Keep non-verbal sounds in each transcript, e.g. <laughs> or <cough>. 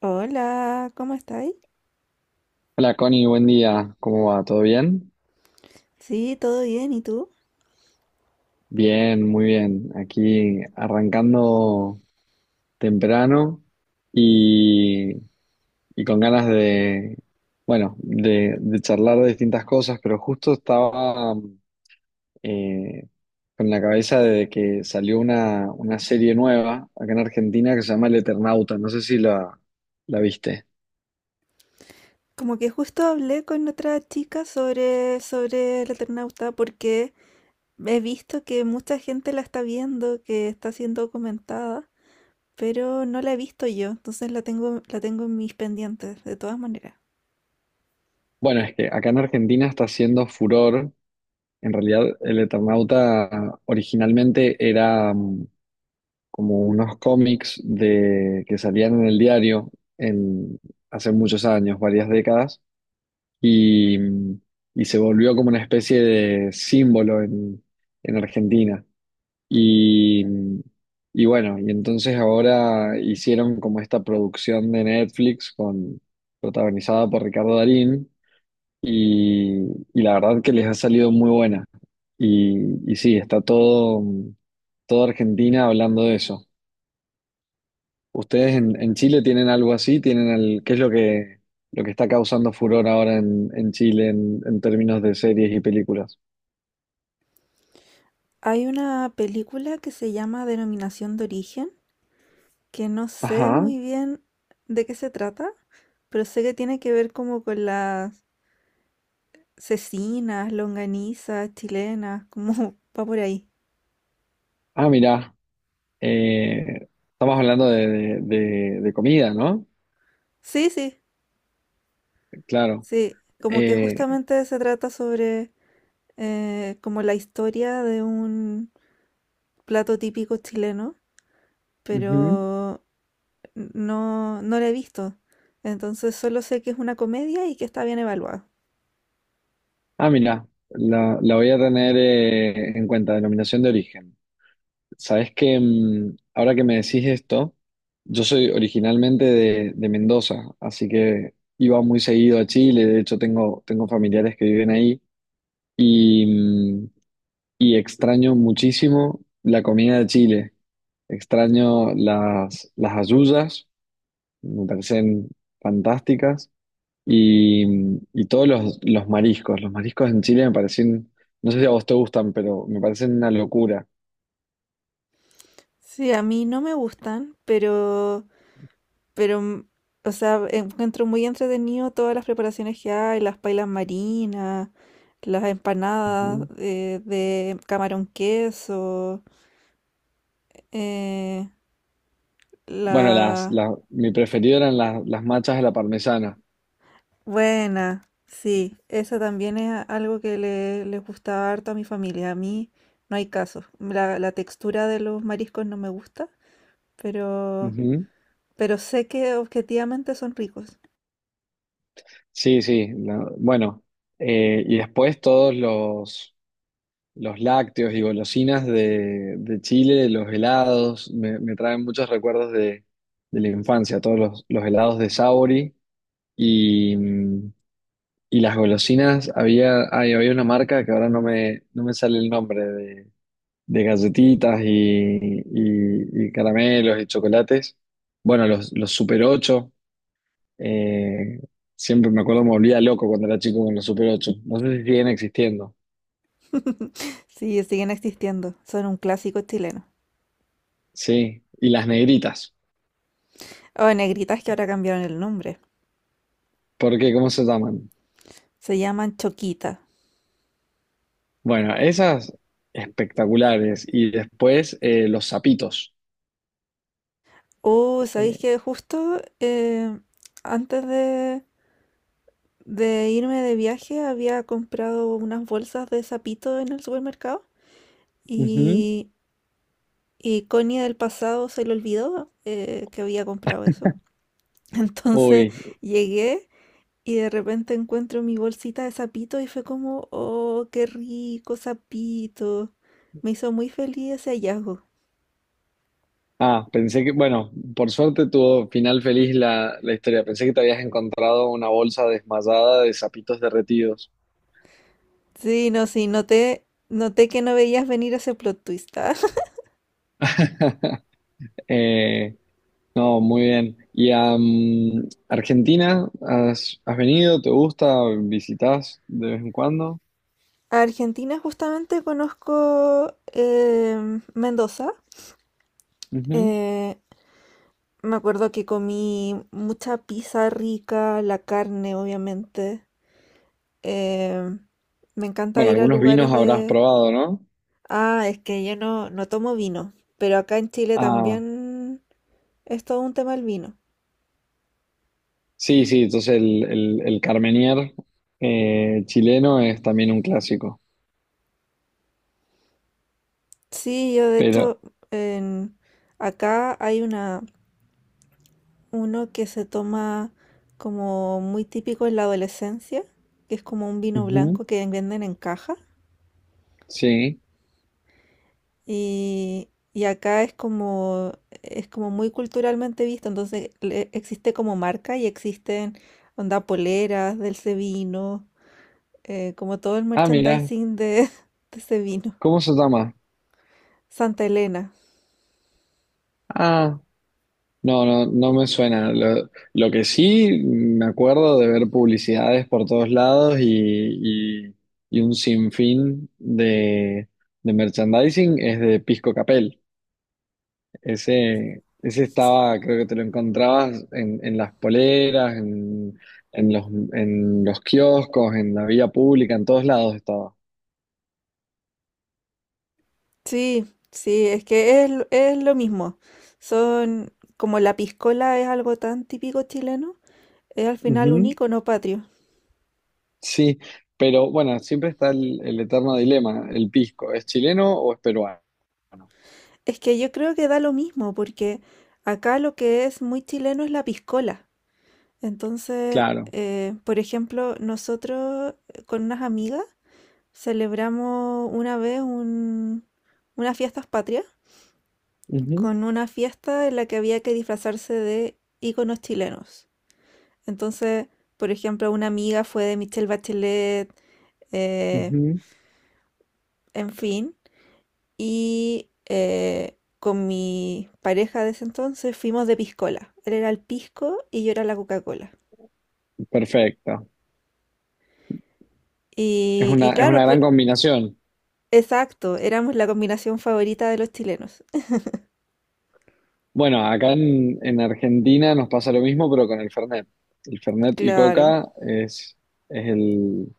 Hola, ¿cómo estáis? Hola Connie, buen día. ¿Cómo va? ¿Todo bien? Sí, todo bien, ¿y tú? Bien, muy bien. Aquí arrancando temprano y, y con ganas de, bueno, de charlar de distintas cosas, pero justo estaba eh, con la cabeza de que salió una serie nueva acá en Argentina que se llama El Eternauta. No sé si la viste. Como que justo hablé con otra chica sobre el Eternauta porque he visto que mucha gente la está viendo, que está siendo comentada, pero no la he visto yo, entonces la tengo en mis pendientes, de todas maneras. Bueno, es que acá en Argentina está haciendo furor. En realidad, el Eternauta originalmente era como unos cómics de, que salían en el diario en, hace muchos años, varias décadas, y, mm, y se volvió como una especie de símbolo en Argentina. Y, mm, y bueno, y entonces ahora hicieron como esta producción de Netflix con, protagonizada por Ricardo Darín y, y la verdad que les ha salido muy buena. Y sí, está todo, toda Argentina hablando de eso. ¿Ustedes en Chile tienen algo así? ¿Tienen el, qué es lo que está causando furor ahora en Chile en términos de series y películas? Hay una película que se llama Denominación de Origen, que no sé Ajá. muy bien de qué se trata, pero sé que tiene que ver como con la cecinas, longanizas, chilenas, como <laughs> va por ahí. Ah, mirá. Estamos hablando de, de comida, ¿no? Sí, sí, Claro. sí, como que Eh, justamente se trata sobre como la historia de un plato típico chileno, ujú. pero no la he visto. Entonces solo sé que es una comedia y que está bien evaluada. Ah, mirá. La voy a tener en cuenta, denominación de origen. Sabes que ahora que me decís esto, yo soy originalmente de Mendoza, así que iba muy seguido a Chile, de hecho tengo, tengo familiares que viven ahí y, mm, y extraño muchísimo la comida de Chile, extraño las hallullas, me parecen fantásticas y todos los mariscos en Chile me parecen, no sé si a vos te gustan, pero me parecen una locura. Sí, a mí no me gustan, pero, o sea, encuentro muy entretenido todas las preparaciones que hay, las pailas marinas, las empanadas Ujú. De camarón queso, eh, Bueno, la mi preferido eran las machas de la parmesana. buena, sí, esa también es algo que les gustaba harto a mi familia. A mí no hay caso. La textura de los mariscos no me gusta, pero, Ujú. pero sé que objetivamente son ricos. Sí, sí. Bueno, y después todos los lácteos y golosinas de Chile, los helados, me traen muchos recuerdos de la infancia, todos los helados de Sauri y, mm, y las golosinas. Había, ay, había una marca que ahora no me, no me sale el nombre de galletitas y caramelos y chocolates. Bueno, los Super 8 eh, siempre me acuerdo, me volvía loco cuando era chico con los Super 8. No sé si siguen existiendo. <laughs> Sí, siguen existiendo. Son un clásico chileno. Sí, y las negritas, O negritas que ahora cambiaron el nombre. porque ¿cómo se llaman? Se llaman choquita. Bueno, esas espectaculares. Y después los zapitos. Oh, ¿sabéis Eh, que justo antes de irme de viaje había comprado unas bolsas de sapito en el supermercado ujú. y, y Connie del pasado se le olvidó que había comprado eso. <laughs> Entonces Uy, llegué y de repente encuentro mi bolsita de sapito y fue como, oh, qué rico sapito. Me hizo muy feliz ese hallazgo. ah, pensé que, bueno, por suerte tuvo final feliz la, la historia. Pensé que te habías encontrado una bolsa desmayada de zapitos derretidos. Sí, no, sí, noté que no veías venir ese plot twist. <laughs> <laughs> Eh, no, muy bien. ¿Y a Argentina has, has venido? ¿Te gusta? ¿Visitas de vez en cuando? Argentina justamente conozco em, Mendoza. Ujú. Eh, me acuerdo que comí mucha pizza rica, la carne obviamente. Em, me encanta Bueno, ir a algunos vinos lugares habrás de... probado, ¿no? Ah, es que yo no tomo vino, pero acá en Chile Ah, también es todo un tema el vino. sí, sí, entonces el Carmenier chileno es también un clásico. Sí, yo de Pero, hecho en- acá hay una. Uno que se toma como muy típico en la adolescencia, que es como un vino ujú, blanco que venden en caja. sí. Y acá es como muy culturalmente visto, entonces existe como marca y existen onda poleras del ese vino, como todo el Ah, mira, merchandising de, <laughs> de ese vino. ¿cómo se llama? Santa Elena. Ah. No me suena. Lo que sí me acuerdo de ver publicidades por todos lados y un sinfín de merchandising es de Pisco Capel. Ese estaba, creo que te lo encontrabas en las poleras, en los, en los kioscos, en la vía pública, en todos lados estaba. Sí, sí, es que es lo mismo. Son como la piscola es algo tan típico chileno. Es al final un Ujú, icono patrio. sí, pero bueno, siempre está el eterno dilema, el pisco, ¿es chileno o es peruano? Es que yo creo que da lo mismo, porque acá lo que es muy chileno es la piscola. Entonces, Claro. Por ejemplo, nosotros con unas amigas celebramos unas fiestas patrias Ujú, con una fiesta en la que había que disfrazarse de íconos chilenos. Entonces, por ejemplo, una amiga fue de Michelle Bachelet, eh, ujú. en fin. Y con mi pareja de ese entonces fuimos de piscola. Él era el pisco y yo era la Coca-Cola. Perfecto. Y Es claro, una gran combinación. exacto, éramos la combinación favorita de los chilenos. Bueno, acá en Argentina nos pasa lo mismo, pero con el Fernet. El Fernet y Claro. Coca es, es el-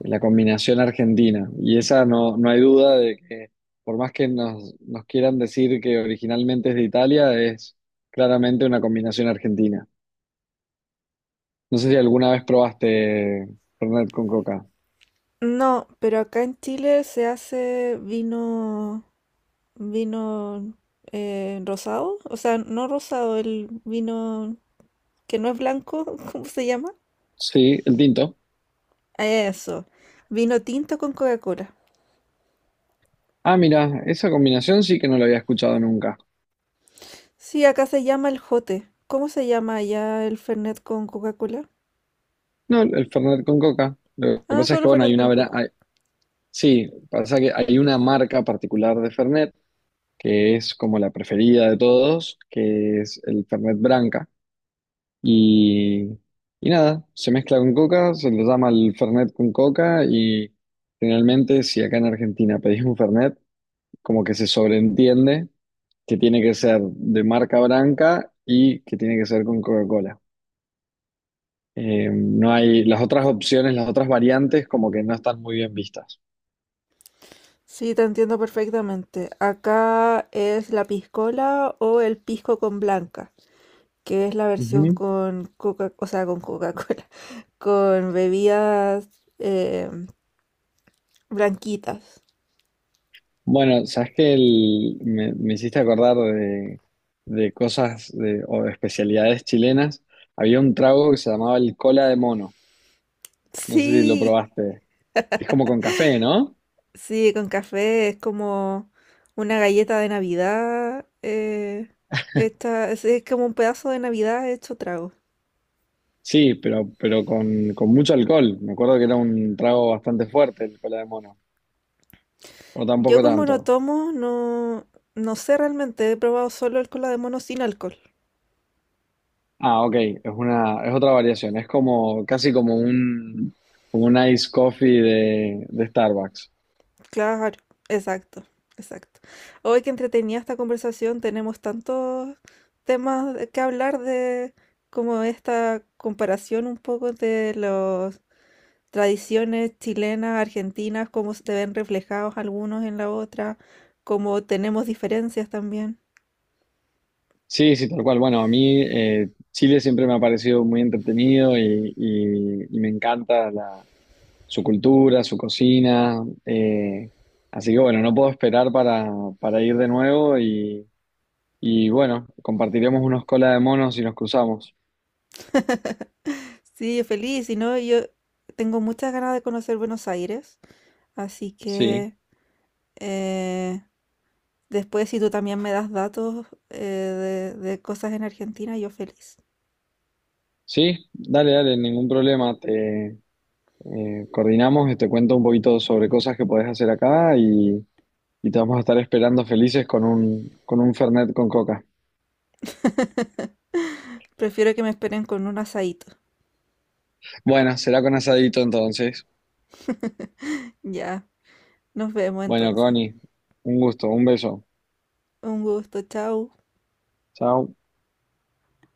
la combinación argentina. Y esa no, no hay duda de que, por más que nos, nos quieran decir que originalmente es de Italia, es claramente una combinación argentina. No sé si alguna vez probaste Fernet con Coca. No, pero acá en Chile se hace vino rosado, o sea, no rosado, el vino que no es blanco, <laughs> ¿cómo se llama? Sí, el tinto. Eso, vino tinto con Coca-Cola. Ah, mira, esa combinación sí que no la había escuchado nunca. Sí, acá se llama el jote. ¿Cómo se llama allá el Fernet con Coca-Cola? No, el Fernet con coca. Lo que Ah, pasa es solo que, bueno, Fernet hay una... con Coca. Sí, pasa que hay una marca particular de Fernet, que es como la preferida de todos, que es el Fernet Branca. Y, y nada, se mezcla con coca, se le llama el Fernet con coca y generalmente si acá en Argentina pedís un Fernet, como que se sobreentiende que tiene que ser de marca Branca y que tiene que ser con Coca-Cola. No hay las otras opciones, las otras variantes como que no están muy bien vistas. Sí, te entiendo perfectamente. Acá es la piscola o el pisco con blanca, que es la versión Ujú. con Coca, o sea, con Coca-Cola, <laughs> con bebidas blanquitas. Bueno, sabes que me, me hiciste acordar de, o de especialidades chilenas. Había un trago que se llamaba el cola de mono. No sé si lo Sí, probaste. Es como con café, ¿no? sí, con café. Es como una galleta de Navidad. Es como un pedazo de Navidad hecho trago. Sí, pero con mucho alcohol. Me acuerdo que era un trago bastante fuerte el cola de mono. O Yo tampoco como tanto. no tomo, no, no sé realmente, he probado solo el cola de mono sin alcohol. Ah, ok, es una, es otra variación, es como, casi como un ice coffee de Starbucks. Claro, exacto, exacto. Hoy que entretenía esta conversación, tenemos tantos temas de que hablar de como esta comparación un poco de las tradiciones chilenas, argentinas, cómo se ven reflejados algunos en la otra, cómo tenemos diferencias también. Sí, sí, tal cual. Bueno, a mí Chile siempre me ha parecido muy entretenido y me encanta la, su cultura, su cocina. Así que bueno, no puedo esperar para ir de nuevo y bueno, compartiremos unos cola de monos y nos cruzamos. Sí, feliz, y no, yo tengo muchas ganas de conocer Buenos Aires, así Sí, que... Eh, después, si tú también me das datos de cosas en Argentina, yo feliz. sí, dale, dale, ningún problema. Te. Coordinamos y te cuento un poquito sobre cosas que podés hacer acá y te vamos a estar esperando felices con un Fernet con coca. Prefiero que me esperen con un asadito. Bueno, será con asadito entonces. Ya, nos vemos Bueno, entonces. Connie, un gusto, un beso. Un gusto, chao. Chao.